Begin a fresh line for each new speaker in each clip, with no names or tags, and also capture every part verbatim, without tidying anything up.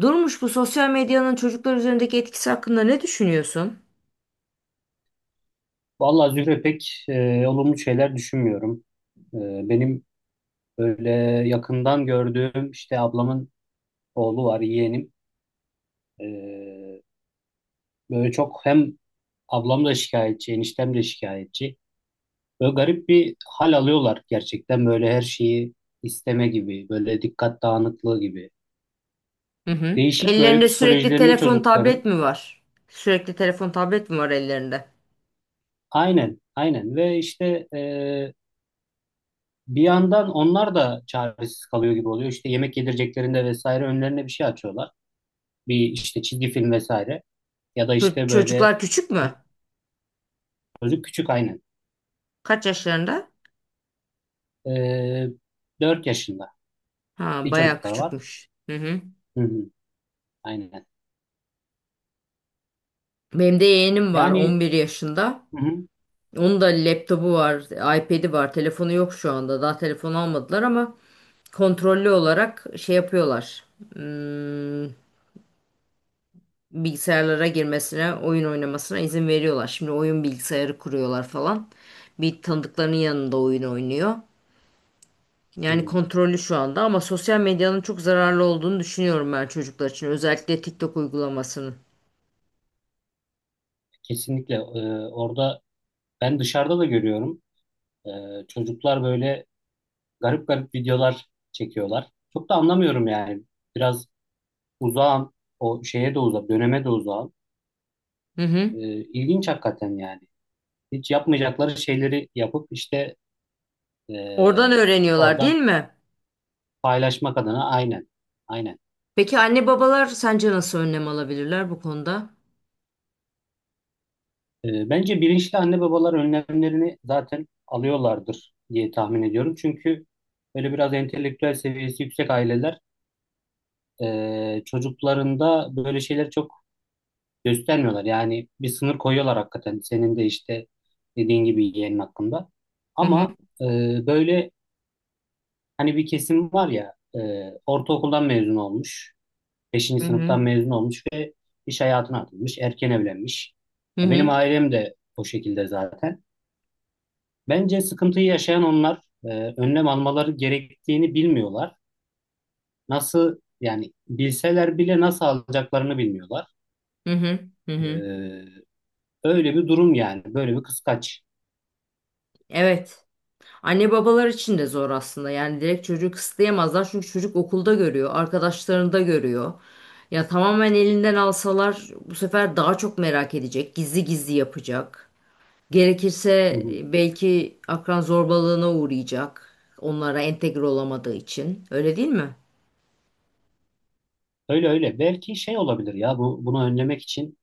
Durmuş bu sosyal medyanın çocuklar üzerindeki etkisi hakkında ne düşünüyorsun?
Vallahi Zühre pek e, olumlu şeyler düşünmüyorum. E, benim böyle yakından gördüğüm işte ablamın oğlu var, yeğenim. E, böyle çok hem ablam da şikayetçi, eniştem de şikayetçi. Böyle garip bir hal alıyorlar gerçekten böyle her şeyi isteme gibi, böyle dikkat dağınıklığı gibi.
Hı hı.
Değişik böyle
Ellerinde sürekli
psikolojilerini
telefon,
çocukların.
tablet mi var? Sürekli telefon, tablet mi var ellerinde?
Aynen, aynen ve işte e, bir yandan onlar da çaresiz kalıyor gibi oluyor. İşte yemek yedireceklerinde vesaire önlerine bir şey açıyorlar. bir işte çizgi film vesaire ya da
Ço-
işte böyle
çocuklar küçük mü?
çocuk küçük aynen.
Kaç yaşlarında?
Ee, dört yaşında
Ha,
bir
bayağı
çocuklar var.
küçükmüş. Hı hı.
Hı hı, aynen.
Benim de yeğenim var
Yani
on bir yaşında.
hı hı,
Onun da laptopu var, iPad'i var. Telefonu yok şu anda. Daha telefon almadılar ama kontrollü olarak şey yapıyorlar. Hmm, bilgisayarlara girmesine, oyun oynamasına izin veriyorlar. Şimdi oyun bilgisayarı kuruyorlar falan. Bir tanıdıklarının yanında oyun oynuyor. Yani
hı,
kontrollü şu anda ama sosyal medyanın çok zararlı olduğunu düşünüyorum ben çocuklar için. Özellikle TikTok uygulamasının.
kesinlikle ee, orada ben dışarıda da görüyorum. Ee, çocuklar böyle garip garip videolar çekiyorlar. Çok da anlamıyorum yani. Biraz uzağım. O şeye de uzak, döneme de uzağım.
Hı hı.
Ee, ilginç hakikaten yani. Hiç yapmayacakları şeyleri yapıp işte
Oradan
ee,
öğreniyorlar değil
orada
mi?
Paylaşmak adına aynen. Aynen.
Peki anne babalar sence nasıl önlem alabilirler bu konuda?
Ee, bence bilinçli anne babalar önlemlerini zaten alıyorlardır diye tahmin ediyorum. Çünkü böyle biraz entelektüel seviyesi yüksek aileler e, çocuklarında böyle şeyleri çok göstermiyorlar. Yani bir sınır koyuyorlar hakikaten. Senin de işte dediğin gibi yeğenin hakkında.
Hı hı.
Ama e, böyle hani bir kesim var ya e, ortaokuldan mezun olmuş. beşinci
Hı hı.
sınıftan mezun olmuş ve iş hayatına atılmış, erken evlenmiş.
Hı
E, Benim
hı.
ailem de o şekilde zaten. Bence sıkıntıyı yaşayan onlar e, önlem almaları gerektiğini bilmiyorlar. Nasıl yani bilseler bile nasıl alacaklarını bilmiyorlar.
Hı hı. Hı hı.
E, öyle bir durum yani, böyle bir kıskaç.
Evet. Anne babalar için de zor aslında. Yani direkt çocuğu kısıtlayamazlar çünkü çocuk okulda görüyor, arkadaşlarında görüyor. Ya tamamen elinden alsalar bu sefer daha çok merak edecek, gizli gizli yapacak.
Hı
Gerekirse
hı.
belki akran zorbalığına uğrayacak. Onlara entegre olamadığı için. Öyle değil mi?
Öyle öyle. Belki şey olabilir ya bu bunu önlemek için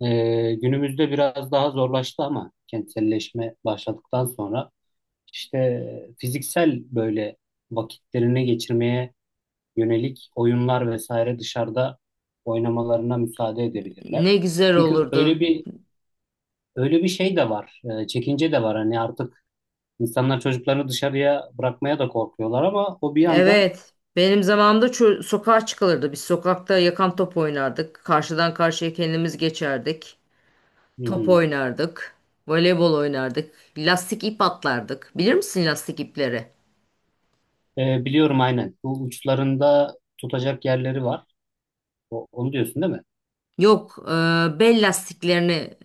e, günümüzde biraz daha zorlaştı ama kentselleşme başladıktan sonra işte fiziksel böyle vakitlerini geçirmeye yönelik oyunlar vesaire dışarıda oynamalarına müsaade edebilirler.
Ne güzel
Çünkü öyle
olurdu.
bir öyle bir şey de var. e, çekince de var. Hani artık insanlar çocuklarını dışarıya bırakmaya da korkuyorlar ama o bir yandan
Evet. Benim zamanımda çö- sokağa çıkılırdı. Biz sokakta yakan top oynardık. Karşıdan karşıya kendimiz geçerdik.
hı
Top
hı.
oynardık. Voleybol oynardık. Lastik ip atlardık. Bilir misin lastik ipleri?
E, biliyorum aynen. Bu uçlarında tutacak yerleri var. O- onu diyorsun değil mi?
Yok, e, bel lastiklerini e,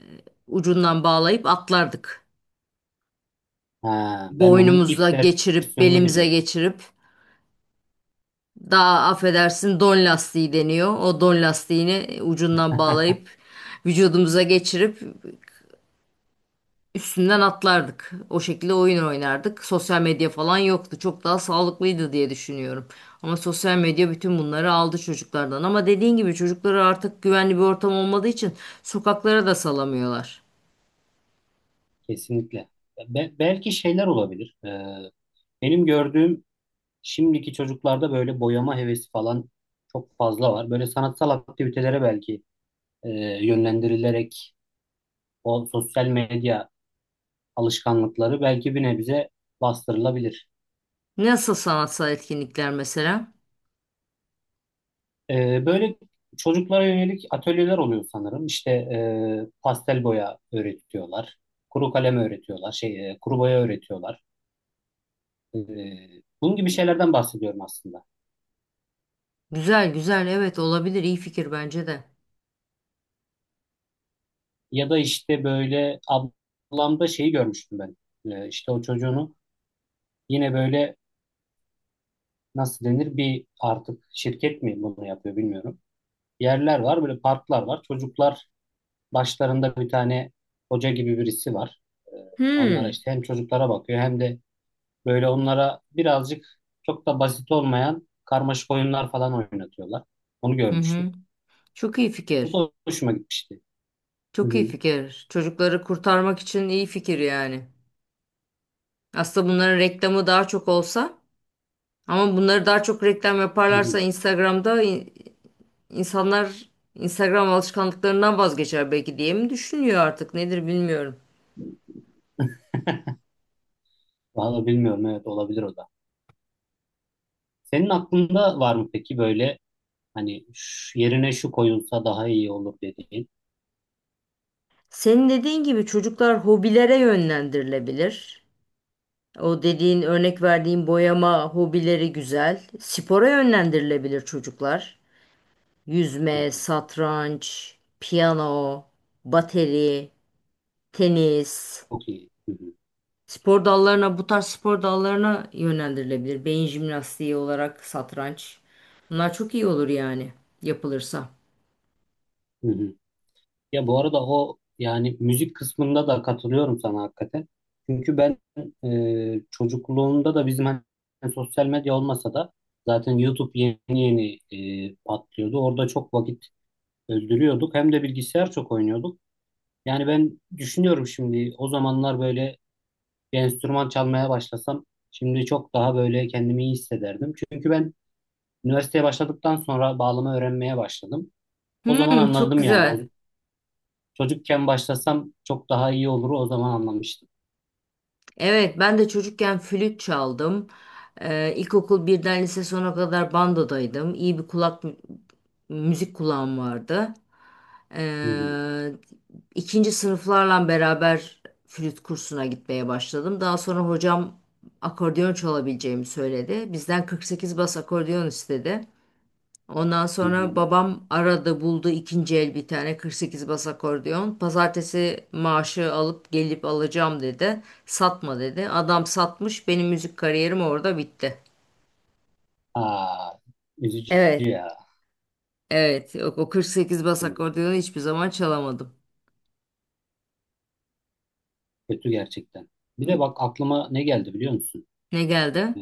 ucundan bağlayıp atlardık.
Ha, ben onun ip
Boynumuza geçirip,
versiyonunu
belimize
biliyorum.
geçirip, daha affedersin don lastiği deniyor. O don lastiğini ucundan bağlayıp, vücudumuza geçirip üstünden atlardık. O şekilde oyun oynardık. Sosyal medya falan yoktu. Çok daha sağlıklıydı diye düşünüyorum. Ama sosyal medya bütün bunları aldı çocuklardan. Ama dediğin gibi çocukları artık güvenli bir ortam olmadığı için sokaklara da salamıyorlar.
Kesinlikle. Be- belki şeyler olabilir. E, benim gördüğüm Şimdiki çocuklarda böyle boyama hevesi falan çok fazla var. Böyle sanatsal aktivitelere belki e, yönlendirilerek o sosyal medya alışkanlıkları belki bir nebze bastırılabilir.
Nasıl sanatsal etkinlikler mesela?
E, böyle çocuklara yönelik atölyeler oluyor sanırım. İşte e, pastel boya öğretiyorlar, kuru kalem öğretiyorlar, şey e, kuru boya öğretiyorlar. E, bunun gibi şeylerden bahsediyorum aslında.
Güzel güzel, evet, olabilir, iyi fikir bence de.
Ya da işte böyle ablamda şeyi görmüştüm ben. E, işte o çocuğunu yine böyle nasıl denir bir artık şirket mi bunu yapıyor bilmiyorum. Yerler var böyle parklar var. Çocuklar başlarında bir tane hoca gibi birisi var. Ee, onlara
Hmm.
işte hem çocuklara bakıyor hem de böyle onlara birazcık çok da basit olmayan karmaşık oyunlar falan oynatıyorlar. Onu
Hı
görmüştüm.
hı. Çok iyi
Bu
fikir.
da hoşuma gitmişti. Hı
Çok iyi
hı,
fikir. Çocukları kurtarmak için iyi fikir yani. Aslında bunların reklamı daha çok olsa. Ama bunları daha çok reklam
hı
yaparlarsa
hı.
Instagram'da in- insanlar Instagram alışkanlıklarından vazgeçer belki diye mi düşünüyor artık nedir bilmiyorum.
Vallahi bilmiyorum, evet olabilir o da. Senin aklında var mı peki böyle hani şu- yerine şu koyulsa daha iyi olur dediğin?
Senin dediğin gibi çocuklar hobilere yönlendirilebilir. O dediğin, örnek verdiğin boyama hobileri güzel. Spora yönlendirilebilir çocuklar.
Hı
Yüzme,
hı.
satranç, piyano, bateri, tenis.
Çok iyi. Hı hı.
Spor dallarına, bu tarz spor dallarına yönlendirilebilir. Beyin jimnastiği olarak satranç. Bunlar çok iyi olur yani yapılırsa.
Hı hı. Ya bu arada o yani müzik kısmında da katılıyorum sana hakikaten. Çünkü ben e, çocukluğumda da bizim hani sosyal medya olmasa da zaten YouTube yeni yeni e, patlıyordu. Orada çok vakit öldürüyorduk. Hem de bilgisayar çok oynuyorduk. Yani ben düşünüyorum şimdi o zamanlar böyle bir enstrüman çalmaya başlasam şimdi çok daha böyle kendimi iyi hissederdim. Çünkü ben üniversiteye başladıktan sonra bağlama öğrenmeye başladım. O zaman
Hmm, çok
anladım yani. O
güzel.
Çocukken başlasam çok daha iyi olur, o zaman anlamıştım.
Evet, ben de çocukken flüt çaldım. Ee, ilkokul birden lise sona kadar bandodaydım. İyi bir kulak, müzik kulağım vardı.
Hı hı,
Ee, ikinci sınıflarla beraber flüt kursuna gitmeye başladım. Daha sonra hocam akordeon çalabileceğimi söyledi. Bizden kırk sekiz bas akordeon istedi. Ondan
hı hı.
sonra babam aradı, buldu ikinci el bir tane kırk sekiz bas akordeon. Pazartesi maaşı alıp gelip alacağım dedi. Satma dedi. Adam satmış, benim müzik kariyerim orada bitti.
Aa, üzücü
Evet.
ya.
Evet o o kırk sekiz bas
Üzücü.
akordeonu hiçbir zaman çalamadım.
Kötü gerçekten. Bir de
N-
bak, aklıma ne geldi biliyor musun?
Ne geldi?
Ee,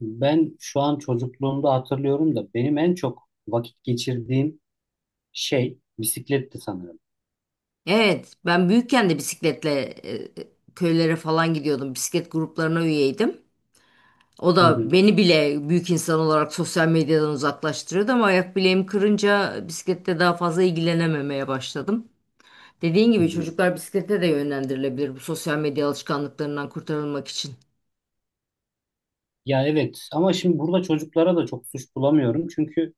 ben şu an çocukluğumda hatırlıyorum da benim en çok vakit geçirdiğim şey bisikletti sanırım.
Evet, ben büyükken de bisikletle e, e, köylere falan gidiyordum. Bisiklet gruplarına üyeydim. O
Hı
da
hı,
beni bile büyük insan olarak sosyal medyadan uzaklaştırıyordu ama ayak bileğimi kırınca bisiklette daha fazla ilgilenememeye başladım. Dediğin
hı
gibi
hı.
çocuklar bisiklete de yönlendirilebilir bu sosyal medya alışkanlıklarından kurtarılmak için.
Ya evet, ama şimdi burada çocuklara da çok suç bulamıyorum. Çünkü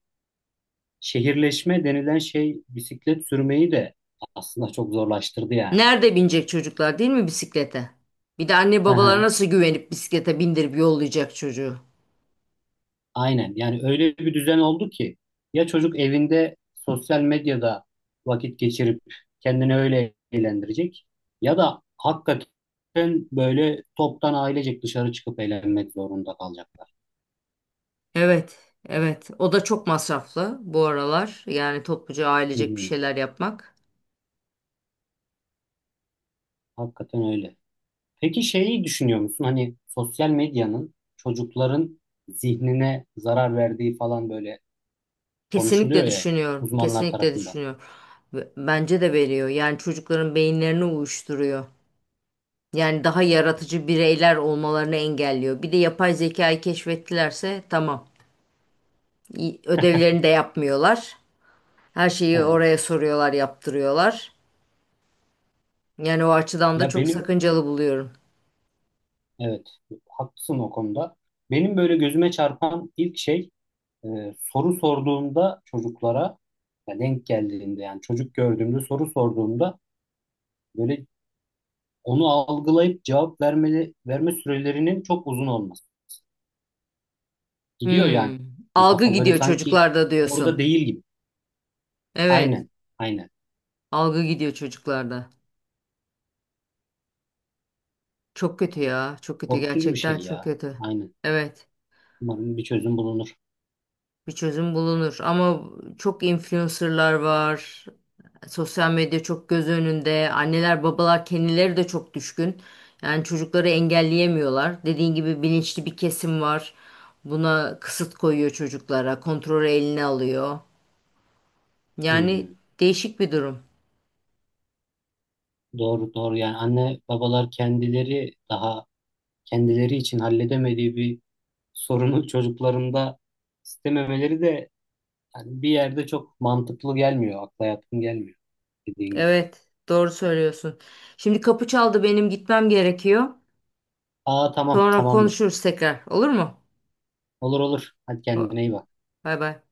şehirleşme denilen şey bisiklet sürmeyi de aslında çok zorlaştırdı yani.
Nerede binecek çocuklar değil mi bisiklete? Bir de anne babalar nasıl güvenip bisiklete bindirip yollayacak çocuğu?
Aynen. Yani öyle bir düzen oldu ki ya çocuk evinde sosyal medyada vakit geçirip kendini öyle eğlendirecek ya da hakikaten böyle toptan ailecek dışarı çıkıp eğlenmek zorunda kalacaklar.
Evet, evet. O da çok masraflı bu aralar. Yani topluca
Hı
ailecek bir
hı.
şeyler yapmak.
Hakikaten öyle. Peki şeyi düşünüyor musun? Hani sosyal medyanın çocukların zihnine zarar verdiği falan böyle konuşuluyor
Kesinlikle
ya hep
düşünüyorum.
uzmanlar
Kesinlikle
tarafından.
düşünüyorum. Ve bence de veriyor. Yani çocukların beyinlerini uyuşturuyor. Yani daha yaratıcı bireyler olmalarını engelliyor. Bir de yapay zekayı keşfettilerse tamam. İyi, ödevlerini de yapmıyorlar. Her
Hı
şeyi
hı.
oraya soruyorlar, yaptırıyorlar. Yani o açıdan da
Ya
çok
benim
sakıncalı buluyorum.
Evet, haklısın o konuda. Benim böyle gözüme çarpan ilk şey e, soru sorduğumda çocuklara ya denk geldiğinde, yani çocuk gördüğümde soru sorduğumda böyle onu algılayıp cevap vermeli, verme sürelerinin çok uzun olması. Gidiyor yani.
Hmm.
Yani
Algı
kafa böyle
gidiyor
sanki
çocuklarda diyorsun.
orada değil gibi.
Evet.
Aynen, aynen.
Algı gidiyor çocuklarda. Çok kötü ya. Çok kötü
Korkutucu bir şey
gerçekten, çok
ya.
kötü.
Aynen.
Evet.
Umarım bir çözüm bulunur.
Bir çözüm bulunur ama çok influencerlar var. Sosyal medya çok göz önünde. Anneler, babalar kendileri de çok düşkün. Yani çocukları engelleyemiyorlar. Dediğin gibi bilinçli bir kesim var. Buna kısıt koyuyor çocuklara, kontrolü eline alıyor.
Hı
Yani
hı.
değişik bir durum.
Doğru, doğru. Yani anne babalar kendileri daha kendileri için halledemediği bir sorunu çocuklarında istememeleri de yani bir yerde çok mantıklı gelmiyor. Akla yatkın gelmiyor dediğin gibi.
Evet, doğru söylüyorsun. Şimdi kapı çaldı, benim gitmem gerekiyor.
Aa tamam,
Sonra
tamamdır.
konuşuruz tekrar. Olur mu?
Olur olur. Hadi kendine iyi bak.
Bay bay.